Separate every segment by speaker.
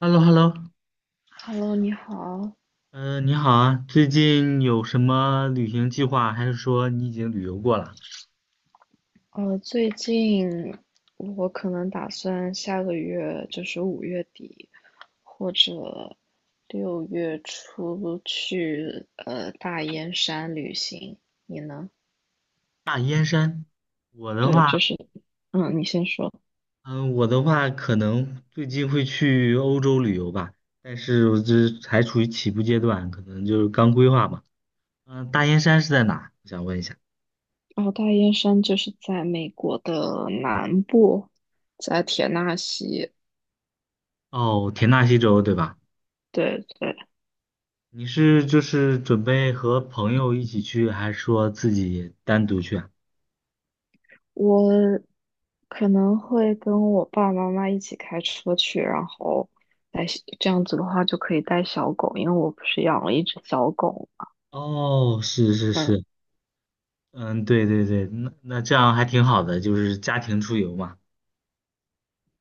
Speaker 1: h e l l o h e l l o
Speaker 2: Hello，你好。
Speaker 1: 嗯，你好啊，最近有什么旅行计划？还是说你已经旅游过了？
Speaker 2: 最近我可能打算下个月，就是五月底或者六月初去大燕山旅行。
Speaker 1: 大燕山，我的
Speaker 2: 对，
Speaker 1: 话，
Speaker 2: 你先说。
Speaker 1: 嗯，我的话可能最近会去欧洲旅游吧，但是我这还处于起步阶段，可能就是刚规划嘛。嗯，大燕山是在哪？我想问一下。
Speaker 2: 哦，大燕山就是在美国的南部，在田纳西。
Speaker 1: 哦，田纳西州对吧？
Speaker 2: 对对，
Speaker 1: 你是就是准备和朋友一起去，还是说自己单独去啊？
Speaker 2: 我可能会跟我爸爸妈妈一起开车去，然后这样子的话就可以带小狗，因为我不是养了一只小狗。
Speaker 1: 哦，是是
Speaker 2: 嗯，
Speaker 1: 是，嗯，对对对，那这样还挺好的，就是家庭出游嘛。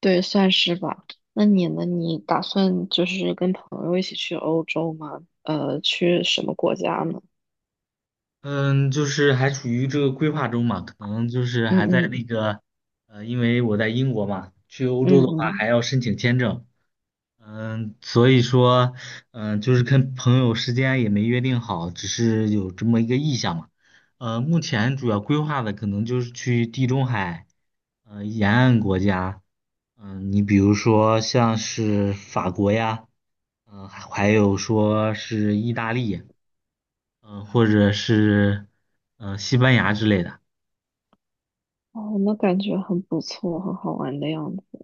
Speaker 2: 对，算是吧。那你呢？你打算就是跟朋友一起去欧洲吗？去什么国家呢？
Speaker 1: 嗯，就是还处于这个规划中嘛，可能就是
Speaker 2: 嗯
Speaker 1: 还在那
Speaker 2: 嗯
Speaker 1: 个，因为我在英国嘛，
Speaker 2: 嗯嗯。
Speaker 1: 嗯，所以说，嗯，就是跟朋友时间也没约定好，只是有这么一个意向嘛。目前主要规划的可能就是去地中海，沿岸国家，嗯，你比如说像是法国呀，嗯，还有说是意大利。嗯、或者是嗯、西班牙之类的。
Speaker 2: 哦，那感觉很不错，很好玩的样子。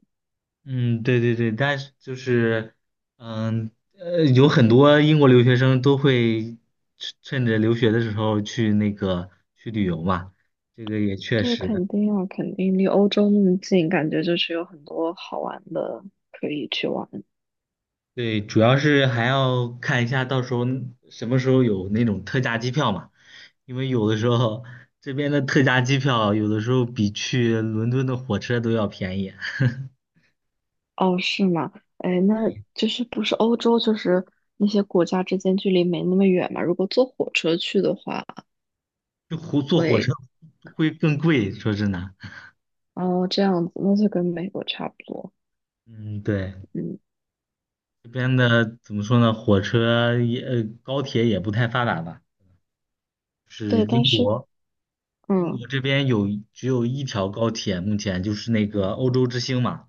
Speaker 1: 嗯，对对对，但是就是嗯有很多英国留学生都会趁着留学的时候去那个去旅游嘛，这个也确
Speaker 2: 对，
Speaker 1: 实。
Speaker 2: 肯定啊，肯定离欧洲那么近，感觉就是有很多好玩的可以去玩。
Speaker 1: 对，主要是还要看一下到时候什么时候有那种特价机票嘛，因为有的时候这边的特价机票有的时候比去伦敦的火车都要便宜，
Speaker 2: 哦，是吗？哎，那就是不是欧洲，就是那些国家之间距离没那么远嘛？如果坐火车去的话，
Speaker 1: 坐火车
Speaker 2: 会
Speaker 1: 会更贵，说真的。
Speaker 2: 哦这样子，那就跟美国差不多。
Speaker 1: 嗯，对，
Speaker 2: 嗯，
Speaker 1: 这边的怎么说呢？火车也，高铁也不太发达吧。是
Speaker 2: 对，但
Speaker 1: 英
Speaker 2: 是
Speaker 1: 国，英
Speaker 2: 嗯
Speaker 1: 国这边有只有一条高铁，目前就是那个欧洲之星嘛。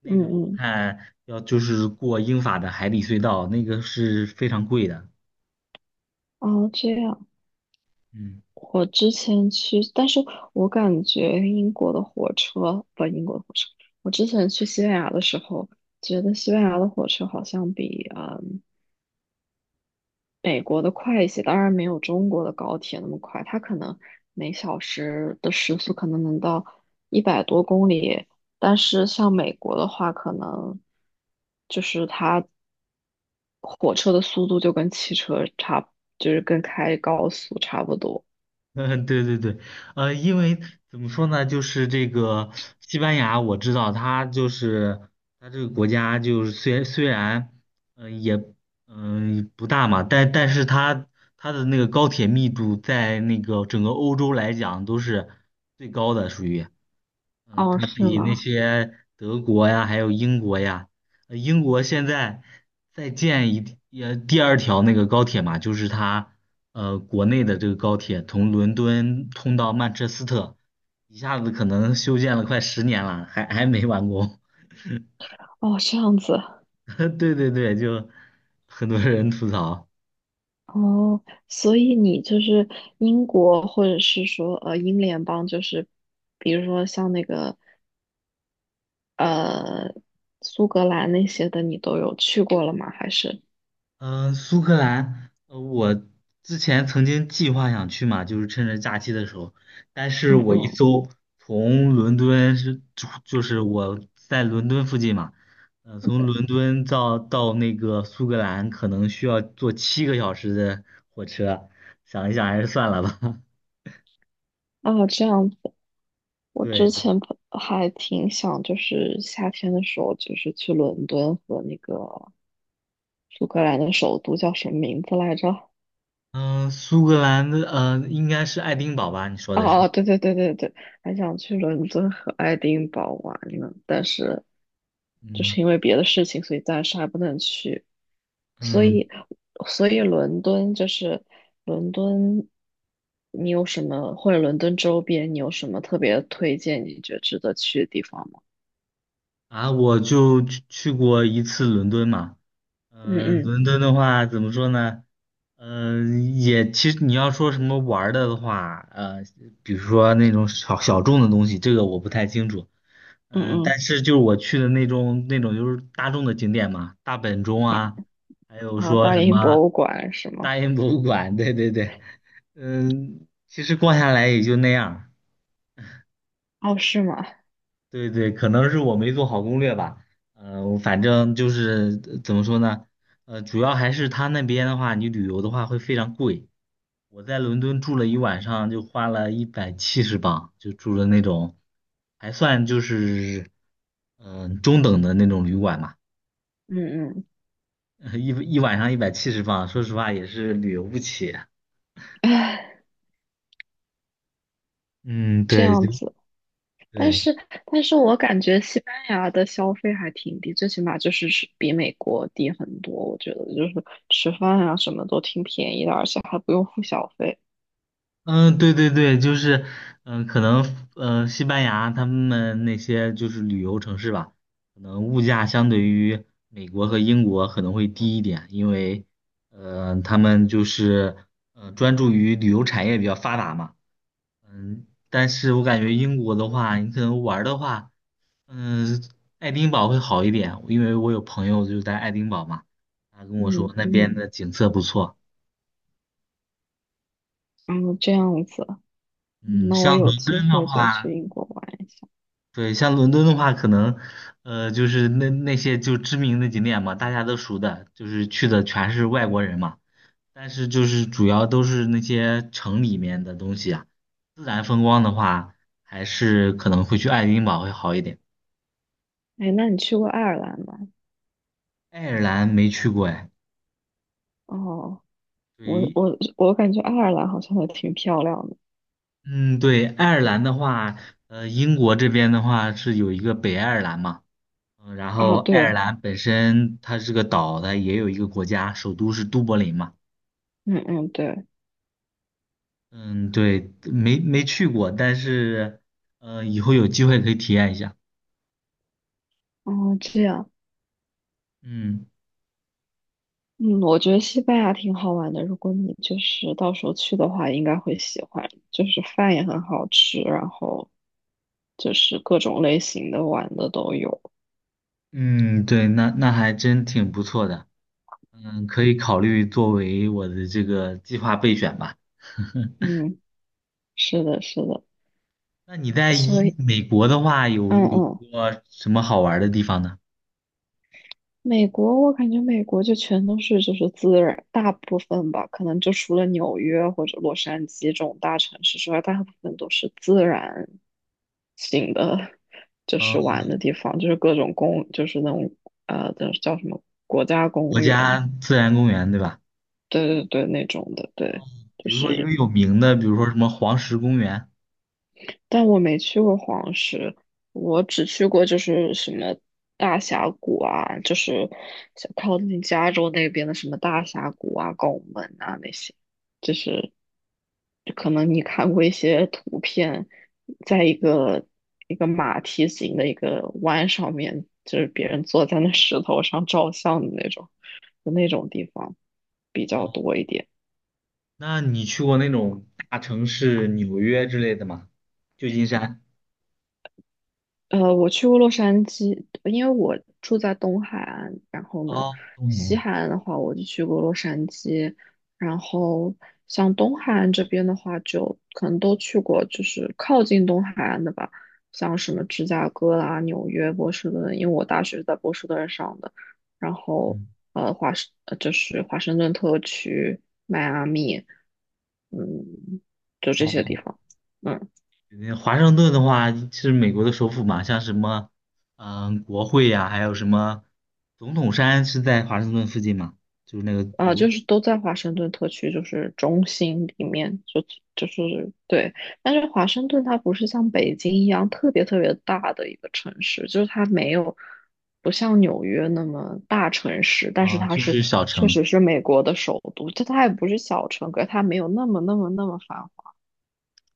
Speaker 1: 那
Speaker 2: 嗯
Speaker 1: 个我
Speaker 2: 嗯，
Speaker 1: 看要就是过英法的海底隧道，那个是非常贵的。
Speaker 2: 哦这样。
Speaker 1: 嗯。
Speaker 2: 我之前去，但是我感觉英国的火车不，英国的火车，我之前去西班牙的时候，觉得西班牙的火车好像比美国的快一些，当然没有中国的高铁那么快，它可能每小时的时速可能能到100多公里，但是像美国的话，可能就是它火车的速度就是跟开高速差不多。
Speaker 1: 嗯，对对对，因为怎么说呢，就是这个西班牙，我知道它就是它这个国家，就是虽然，嗯、也嗯、不大嘛，但是它它的那个高铁密度在那个整个欧洲来讲都是最高的，属于。嗯，
Speaker 2: 哦，
Speaker 1: 它
Speaker 2: 是
Speaker 1: 比那
Speaker 2: 吗？
Speaker 1: 些德国呀，还有英国呀，英国现在在建一也第二条那个高铁嘛，就是它国内的这个高铁从伦敦通到曼彻斯特，一下子可能修建了快10年了，还没完工。
Speaker 2: 哦，这样子。
Speaker 1: 对对对，就很多人吐槽。
Speaker 2: 哦，所以你就是英国，或者是说英联邦，就是比如说像那个呃苏格兰那些的，你都有去过了吗？还是
Speaker 1: 嗯，苏格兰，我之前曾经计划想去嘛，就是趁着假期的时候，但是
Speaker 2: 嗯
Speaker 1: 我一
Speaker 2: 嗯
Speaker 1: 搜，从伦敦是，就是我在伦敦附近嘛，从伦敦到那个苏格兰可能需要坐7个小时的火车，想一想还是算了吧。
Speaker 2: 哦这样子，我
Speaker 1: 对，
Speaker 2: 之
Speaker 1: 对
Speaker 2: 前不还挺想就是夏天的时候就是去伦敦和那个苏格兰的首都叫什么名字来着？
Speaker 1: 嗯，苏格兰的，应该是爱丁堡吧？你说
Speaker 2: 哦
Speaker 1: 的是，
Speaker 2: 哦，对对对对对，还想去伦敦和爱丁堡玩呢，但是就
Speaker 1: 嗯
Speaker 2: 是因为别的事情，所以暂时还不能去。所
Speaker 1: 嗯，
Speaker 2: 以，所以伦敦，你有什么或者伦敦周边你有什么特别推荐？你觉得值得去的地方吗？
Speaker 1: 啊，我就去过一次伦敦嘛。
Speaker 2: 嗯
Speaker 1: 嗯，
Speaker 2: 嗯
Speaker 1: 伦敦的话怎么说呢？嗯，也其实你要说什么玩儿的的话，比如说那种小众的东西，这个我不太清楚。
Speaker 2: 嗯
Speaker 1: 嗯，但
Speaker 2: 嗯
Speaker 1: 是就是我去的那种就是大众的景点嘛，大本钟
Speaker 2: 啊
Speaker 1: 啊，还有
Speaker 2: 啊，
Speaker 1: 说
Speaker 2: 大
Speaker 1: 什
Speaker 2: 英
Speaker 1: 么
Speaker 2: 博物馆是吗？
Speaker 1: 大英博物馆，对对对，嗯，其实逛下来也就那样儿
Speaker 2: 哦，是吗？
Speaker 1: 对对，可能是我没做好攻略吧。我反正就是怎么说呢，主要还是他那边的话，你旅游的话会非常贵。我在伦敦住了一晚上，就花了一百七十镑，就住的那种，还算就是嗯、中等的那种旅馆嘛。
Speaker 2: 嗯嗯，
Speaker 1: 一一晚上一百七十镑，说实话也是旅游不起。
Speaker 2: 唉，
Speaker 1: 嗯，
Speaker 2: 这
Speaker 1: 对，
Speaker 2: 样
Speaker 1: 就
Speaker 2: 子。但
Speaker 1: 对。
Speaker 2: 是，但是我感觉西班牙的消费还挺低，最起码就是是比美国低很多。我觉得就是吃饭啊什么都挺便宜的，而且还不用付小费。
Speaker 1: 嗯，对对对，就是，嗯，可能，西班牙他们那些就是旅游城市吧，可能物价相对于美国和英国可能会低一点，因为，他们就是，专注于旅游产业比较发达嘛，嗯，但是我感觉英国的话，你可能玩儿的话，嗯，爱丁堡会好一点，因为我有朋友就在爱丁堡嘛，他跟我
Speaker 2: 嗯
Speaker 1: 说那边
Speaker 2: 嗯，
Speaker 1: 的景色不错，
Speaker 2: 嗯，这样子，嗯，
Speaker 1: 嗯，
Speaker 2: 那我
Speaker 1: 像
Speaker 2: 有
Speaker 1: 伦
Speaker 2: 机
Speaker 1: 敦的
Speaker 2: 会就去
Speaker 1: 话。
Speaker 2: 英国玩一下。
Speaker 1: 对，像伦敦的话，可能，就是那些就知名的景点嘛，大家都熟的，就是去的全是外国人嘛。但是就是主要都是那些城里面的东西啊，自然风光的话，还是可能会去爱丁堡会好一点。
Speaker 2: 哎，那你去过爱尔兰吗？
Speaker 1: 爱尔兰没去过哎，
Speaker 2: 哦，我
Speaker 1: 对，
Speaker 2: 我我感觉爱尔兰好像还挺漂亮的。
Speaker 1: 嗯，对，爱尔兰的话，英国这边的话是有一个北爱尔兰嘛，嗯，然
Speaker 2: 啊，
Speaker 1: 后爱尔
Speaker 2: 对，
Speaker 1: 兰本身它是个岛，它也有一个国家，首都是都柏林嘛。
Speaker 2: 嗯嗯对，
Speaker 1: 嗯，对，没去过，但是，以后有机会可以体验一下。
Speaker 2: 哦这样。
Speaker 1: 嗯
Speaker 2: 嗯，我觉得西班牙挺好玩的。如果你就是到时候去的话，应该会喜欢。就是饭也很好吃，然后就是各种类型的玩的都有。
Speaker 1: 嗯，对，那还真挺不错的。嗯，可以考虑作为我的这个计划备选吧。
Speaker 2: 嗯，是的，是的。
Speaker 1: 那你在一
Speaker 2: 所以，
Speaker 1: 美国的话，有
Speaker 2: 嗯
Speaker 1: 有
Speaker 2: 嗯。
Speaker 1: 过什么好玩儿的地方呢？
Speaker 2: 美国，我感觉美国就全都是就是自然，大部分吧，可能就除了纽约或者洛杉矶这种大城市之外，大部分都是自然型的，就是玩
Speaker 1: 嗯，
Speaker 2: 的地方，就是各种公，就是那种叫什么国家公
Speaker 1: 国家
Speaker 2: 园，
Speaker 1: 自然公园对吧？
Speaker 2: 对对对，那种的，
Speaker 1: 哦，
Speaker 2: 对，就
Speaker 1: 比如说一个
Speaker 2: 是
Speaker 1: 有名的，比如说什么黄石公园。
Speaker 2: 但我没去过黄石，我只去过就是什么大峡谷啊，就是像靠近加州那边的什么大峡谷啊、拱门啊那些，就是可能你看过一些图片，在一个马蹄形的一个弯上面，就是别人坐在那石头上照相的那种，就那种地方比较
Speaker 1: 哦，
Speaker 2: 多一点。
Speaker 1: 那你去过那种大城市，纽约之类的吗？旧金山。
Speaker 2: 我去过洛杉矶，因为我住在东海岸，然后呢，
Speaker 1: 哦，东南
Speaker 2: 西
Speaker 1: 亚
Speaker 2: 海岸的话我就去过洛杉矶，然后像东海岸这边的话，就可能都去过，就是靠近东海岸的吧，像什么芝加哥啦、纽约、波士顿，因为我大学是在波士顿上的，然后
Speaker 1: 嗯，
Speaker 2: 就是华盛顿特区、迈阿密，嗯，就这些地
Speaker 1: 哦，
Speaker 2: 方。嗯。
Speaker 1: 那华盛顿的话是美国的首府嘛，像什么，嗯，国会呀、还有什么总统山是在华盛顿附近嘛，就是那个
Speaker 2: 啊、
Speaker 1: 有，
Speaker 2: 就是都在华盛顿特区，就是中心里面，就是对。但是华盛顿它不是像北京一样特别特别大的一个城市，就是它没有不像纽约那么大城市，但是
Speaker 1: 啊、
Speaker 2: 它
Speaker 1: 就
Speaker 2: 是
Speaker 1: 是小
Speaker 2: 确
Speaker 1: 城。
Speaker 2: 实是美国的首都，就它也不是小城，可是它没有那么那么那么繁华。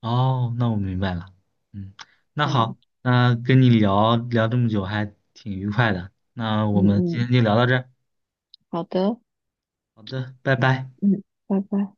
Speaker 1: 哦，那我明白了。嗯，那
Speaker 2: 嗯
Speaker 1: 好，那跟你聊聊这么久还挺愉快的，那我
Speaker 2: 嗯
Speaker 1: 们今
Speaker 2: 嗯，
Speaker 1: 天就聊到这儿
Speaker 2: 好的，
Speaker 1: 好的，拜拜。
Speaker 2: 嗯，拜拜。